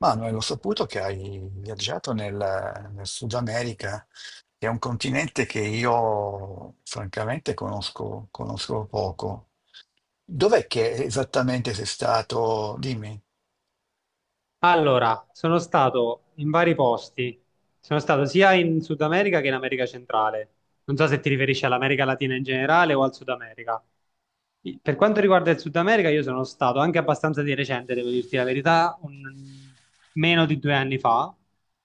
Manuel, ho saputo che hai viaggiato nel Sud America, che è un continente che io francamente conosco, conosco poco. Dov'è che esattamente sei stato? Dimmi. Allora, sono stato in vari posti. Sono stato sia in Sud America che in America Centrale. Non so se ti riferisci all'America Latina in generale o al Sud America. Per quanto riguarda il Sud America, io sono stato anche abbastanza di recente, devo dirti la verità, meno di due anni fa,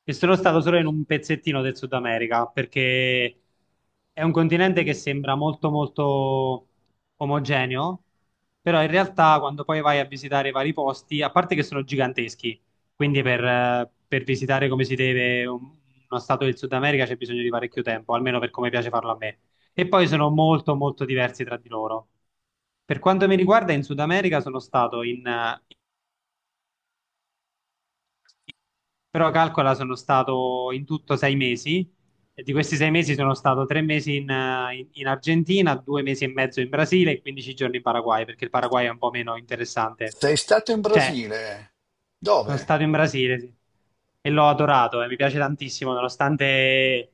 e sono stato solo in un pezzettino del Sud America, perché è un continente che sembra molto molto omogeneo, però in realtà quando poi vai a visitare i vari posti, a parte che sono giganteschi, quindi per visitare come si deve uno stato del Sud America c'è bisogno di parecchio tempo, almeno per come piace farlo a me. E poi sono molto molto diversi tra di loro. Per quanto mi riguarda, in Sud America però calcola, sono stato in tutto sei mesi, e di questi sei mesi sono stato tre mesi in Argentina, due mesi e mezzo in Brasile e 15 giorni in Paraguay, perché il Paraguay è un po' meno interessante. Sei stato in Cioè, Brasile? sono Dove? stato in Brasile, sì. E l'ho adorato e mi piace tantissimo, nonostante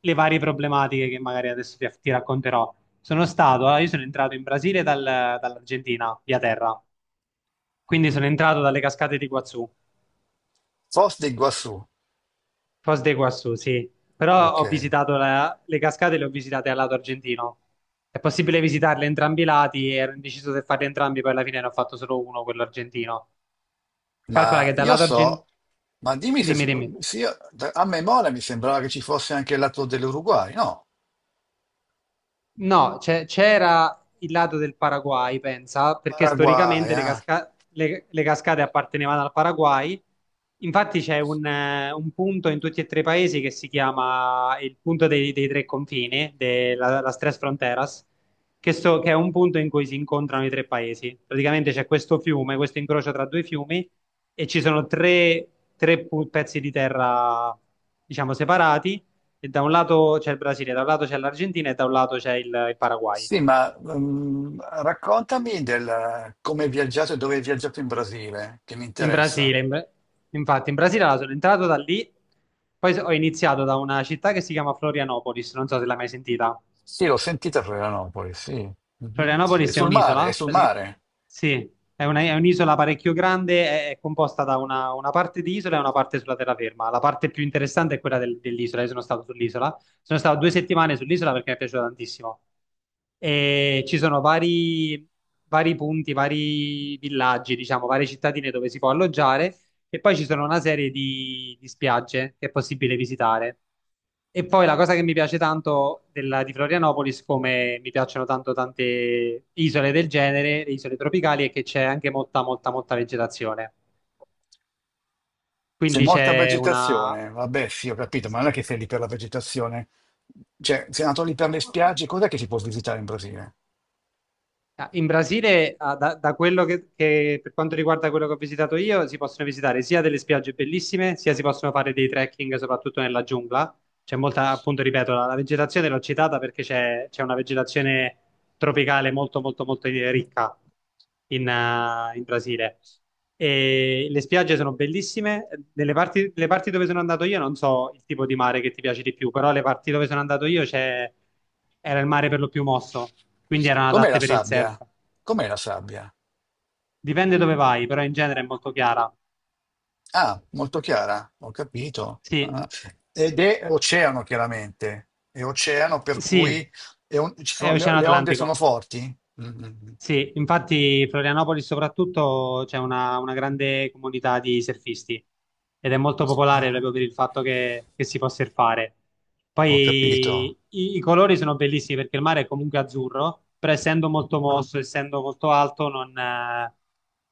le varie problematiche che magari adesso ti racconterò. Sono stato, allora, io sono entrato in Brasile dall'Argentina, via terra. Quindi Mhm. sono entrato dalle cascate di Iguazú, Foz de Iguazú. Foz de Iguazú, sì. Però Ok. ho visitato le cascate, le ho visitate al lato argentino. È possibile visitarle entrambi i lati, ero indeciso se farli entrambi, poi alla fine ne ho fatto solo uno, quello argentino. Calcola Ma che dal io lato argentino... so, ma dimmi se, Dimmi, dimmi. se io- a memoria mi sembrava che ci fosse anche il lato dell'Uruguay, no? No, c'era il lato del Paraguay, pensa, perché Paraguay, storicamente ah. Le cascate appartenevano al Paraguay. Infatti c'è un punto in tutti e tre i paesi che si chiama il punto dei tre confini, della, las Tres Fronteras, che, che è un punto in cui si incontrano i tre paesi. Praticamente c'è questo fiume, questo incrocio tra due fiumi, e ci sono tre, pezzi di terra, diciamo, separati e da un lato c'è il Brasile, da un lato c'è l'Argentina e da un lato c'è il Paraguay. Sì, ma raccontami del come hai viaggiato e dove hai viaggiato in Brasile, che mi In interessa. Brasile, in- In Brasile allora, sono entrato da lì, ho iniziato da una città che si chiama Florianopolis, non so se l'hai mai sentita. Sì, l'ho sentita Florianopoli, sì. Mhm. È Florianopoli è sul mare, è un'isola? sul mare. Sì, è è un'isola parecchio grande, è composta da una parte di isola e una parte sulla terraferma. La parte più interessante è quella dell'isola, io sono stato sull'isola, sono stato due settimane sull'isola perché mi è piaciuto tantissimo. E ci sono vari, vari punti, vari villaggi, diciamo, varie cittadine dove si può alloggiare e poi ci sono una serie di spiagge che è possibile visitare. E poi la cosa che mi piace tanto di Florianopolis, come mi piacciono tanto tante isole del genere, le isole tropicali, è che c'è anche molta, molta, molta vegetazione. C'è Quindi molta c'è una... vegetazione. Vabbè, sì, ho capito, ma non è che sei lì per la vegetazione. Cioè, sei andato lì per le spiagge, cos'è che si può visitare in Brasile? Ah, in Brasile, ah, da, da quello che- per quanto riguarda quello che ho visitato io, si possono visitare sia delle spiagge bellissime, sia si possono fare dei trekking, soprattutto nella giungla. C'è molta, appunto, ripeto, la vegetazione l'ho citata perché c'è una vegetazione tropicale molto, molto, molto ricca in Brasile. E le spiagge sono bellissime. Nelle parti, le parti dove sono andato io, non so il tipo di mare che ti piace di più, però le parti dove sono andato io c'è, era il mare per lo più mosso, quindi erano Com'è adatte la per il surf. sabbia? Com'è la sabbia? Dipende dove vai, però in genere è molto chiara. Ah, molto chiara, ho capito. Sì, Ah, ed è oceano, chiaramente. È oceano, per sì, cui è un- ci è sono- Oceano le onde sono Atlantico. forti? Mm, mm, mm. Sì, infatti Florianopoli soprattutto c'è una grande comunità di surfisti ed è molto popolare Ah, proprio per il fatto che si può surfare. ho capito. Poi i colori sono bellissimi perché il mare è comunque azzurro, però essendo molto mosso, essendo molto alto, non, eh,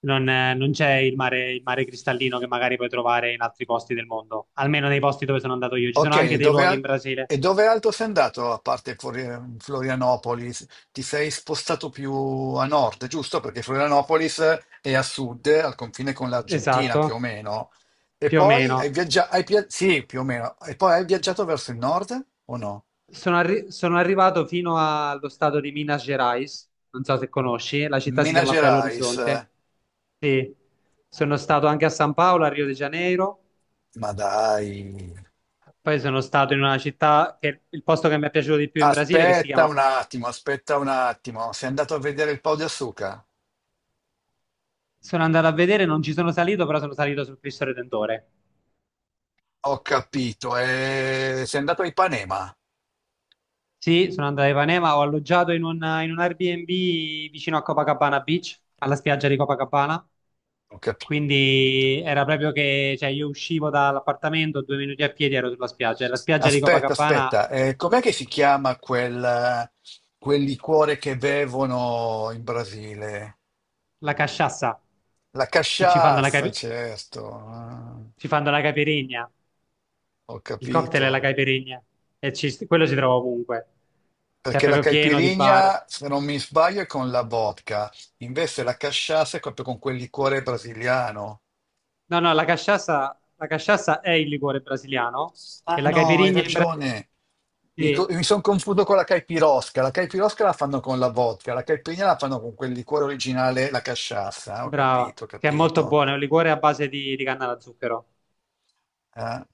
non, eh, non c'è il mare cristallino che magari puoi trovare in altri posti del mondo, almeno nei posti dove sono andato io. Ci Ok, sono anche e dei dove, luoghi in Brasile. e dove altro sei andato, a parte Florianopoli? Ti sei spostato più a nord, giusto? Perché Florianopolis è a sud, al confine con l'Argentina, più o Esatto, meno. E più o poi hai meno. viaggiato, sì, più o meno. E poi hai viaggiato verso il nord o no? Sono arrivato fino allo stato di Minas Gerais, non so se conosci, la città si Mina chiama Belo Gerais, Horizonte. Sì, sono stato anche a San Paolo, a Rio de Janeiro, ma dai. poi sono stato in una città che il posto che mi è piaciuto di più in Brasile, che si Aspetta chiama... un attimo, aspetta un attimo. Sei andato a vedere il Pau di Assuca? Sono andato a vedere, non ci sono salito, però sono salito sul Cristo Redentore. Ho capito, sei andato a Ipanema. Sì, sono andato a Ipanema, ho alloggiato in un Airbnb vicino a Copacabana Beach, alla spiaggia di Copacabana. Ho capito. Quindi era proprio che, cioè, io uscivo dall'appartamento, due minuti a piedi ero sulla spiaggia. E la spiaggia di Aspetta, Copacabana, aspetta, com'è che si chiama quel, quel liquore che bevono in Brasile? la casciassa, La che ci fanno cachaça, certo. Ah, ci fanno la caipirinha. ho Il cocktail è capito. la caipirinha. E ci- quello si trova ovunque. Cioè, è Perché la proprio pieno di bar. caipirinha, se non mi sbaglio, è con la vodka, invece la casciassa è proprio con quel liquore brasiliano. No, no, la casciassa è il liquore brasiliano. E Ah la no, hai caipirinha in Brasile... ragione. Mi, Sì, sono confuso con la caipirosca. La caipirosca la fanno con la vodka, la caipirinha la fanno con quel liquore originale, la casciassa. Ho brava. capito, ho Che è molto capito. buono, è un liquore a base di canna da zucchero. Eh,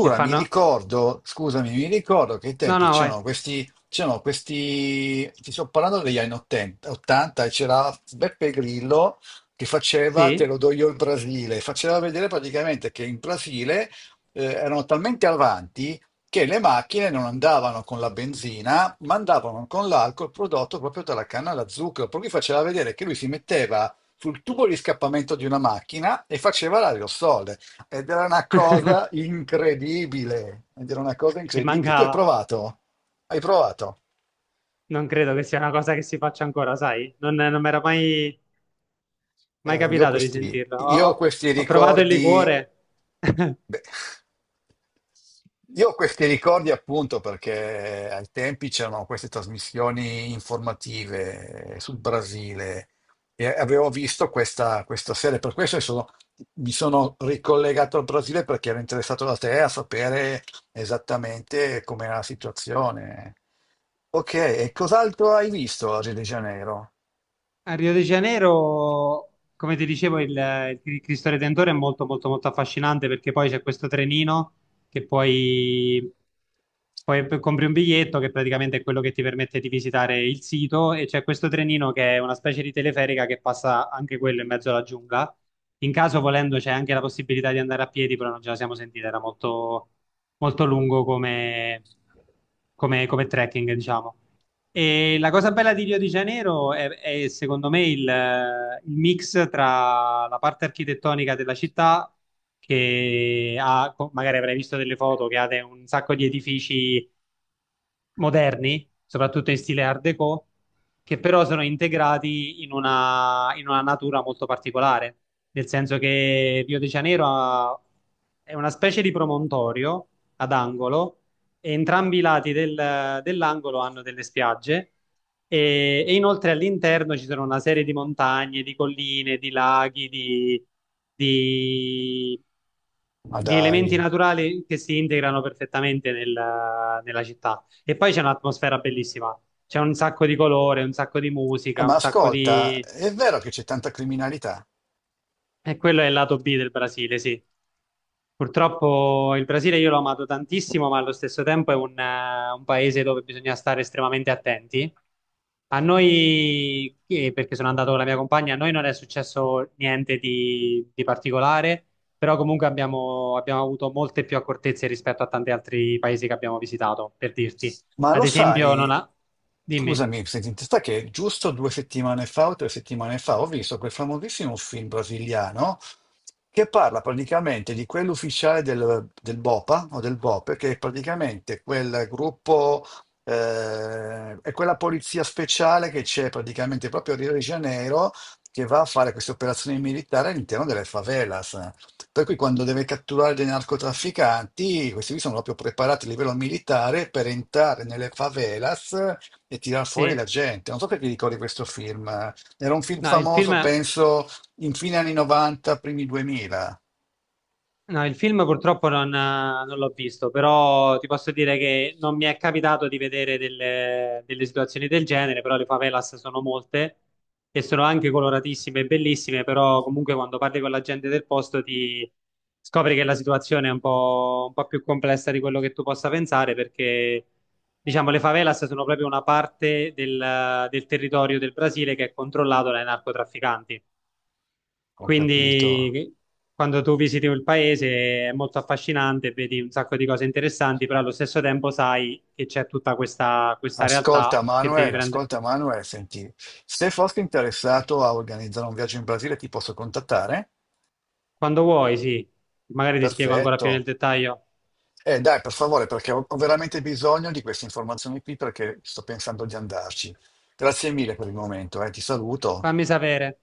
E mi fanno... ricordo, scusami, mi ricordo che ai No, tempi no, vai. c'erano questi, ti sto parlando degli anni 80, 80, e c'era Beppe Grillo che faceva Te lo Sì. do io il Brasile, faceva vedere praticamente che in Brasile erano talmente avanti che le macchine non andavano con la benzina, ma andavano con l'alcol prodotto proprio dalla canna alla zucchero, per cui faceva vedere che lui si metteva sul tubo di scappamento di una macchina e faceva l'aerosol. Ed era una cosa incredibile. Ed era una cosa Mi incredibile. Tu hai mancava, provato? Hai provato? non credo che sia una cosa che si faccia ancora, sai? Non mi era mai, mai io ho capitato di questi, sentirlo. Io ho questi Ho provato il ricordi, liquore. beh, io ho questi ricordi appunto perché ai tempi c'erano queste trasmissioni informative sul Brasile e avevo visto questa serie, per questo mi sono ricollegato al Brasile perché ero interessato da te a sapere esattamente com'era la situazione. Ok, e cos'altro hai visto a Rio de Janeiro? A Rio de Janeiro, come ti dicevo, il Cristo Redentore è molto, molto, molto affascinante perché poi c'è questo trenino che puoi. Compri un biglietto che praticamente è quello che ti permette di visitare il sito e c'è questo trenino che è una specie di teleferica che passa anche quello in mezzo alla giungla. In caso volendo c'è anche la possibilità di andare a piedi, però non ce la siamo sentita, era molto, molto lungo come, come trekking, diciamo. E la cosa bella di Rio di Janeiro è, secondo me il mix tra la parte architettonica della città, che ha, magari avrai visto delle foto, che ha un sacco di edifici moderni, soprattutto in stile Art Deco, che però sono integrati in una natura molto particolare, nel senso che Rio de Janeiro ha- è una specie di promontorio ad angolo e entrambi i lati dell'angolo hanno delle spiagge e inoltre all'interno ci sono una serie di montagne, di colline, di laghi, di Ma di elementi dai. naturali che si integrano perfettamente nella città. E poi c'è un'atmosfera bellissima, c'è un sacco di colore, un sacco di musica, Ma un sacco ascolta, di... è vero che c'è tanta criminalità, E quello è il lato B del Brasile, sì. Purtroppo il Brasile io l'ho amato tantissimo, ma allo stesso tempo è un paese dove bisogna stare estremamente attenti. A noi, perché sono andato con la mia compagna, a noi non è successo niente di, di particolare, però comunque abbiamo, abbiamo avuto molte più accortezze rispetto a tanti altri paesi che abbiamo visitato, per dirti. ma lo Ad esempio, non sai, ha... Dimmi, scusami se ti interessa, che giusto 2 settimane fa o 3 settimane fa ho visto quel famosissimo film brasiliano che parla praticamente di quell'ufficiale del BOPA o del BOPE, che è praticamente quel gruppo, è quella polizia speciale che c'è praticamente proprio a Rio de Janeiro che va a fare queste operazioni militari all'interno delle favelas. Per cui quando deve catturare dei narcotrafficanti, questi qui sono proprio preparati a livello militare per entrare nelle favelas e tirar fuori la sì, gente. Non so perché ti ricordi questo film. Era un film no, il famoso, film... penso, in fine anni 90, primi 2000, No, il film purtroppo non l'ho visto, però ti posso dire che non mi è capitato di vedere delle, delle situazioni del genere, però le favelas sono molte e sono anche coloratissime e bellissime, però comunque quando parli con la gente del posto ti scopri che la situazione è un po' più complessa di quello che tu possa pensare, perché diciamo le favelas sono proprio una parte del, del territorio del Brasile che è controllato dai narcotrafficanti. ho capito. Quindi quando tu visiti il paese è molto affascinante, vedi un sacco di cose interessanti, però allo stesso tempo sai che c'è tutta questa, questa realtà che devi prendere. Ascolta Manuel, senti, se fossi interessato a organizzare un viaggio in Brasile ti posso contattare? Quando vuoi, sì, magari ti spiego ancora più nel Perfetto. dettaglio. Dai, per favore, perché ho veramente bisogno di queste informazioni qui perché sto pensando di andarci. Grazie mille per il momento, ti saluto. Fammi sapere.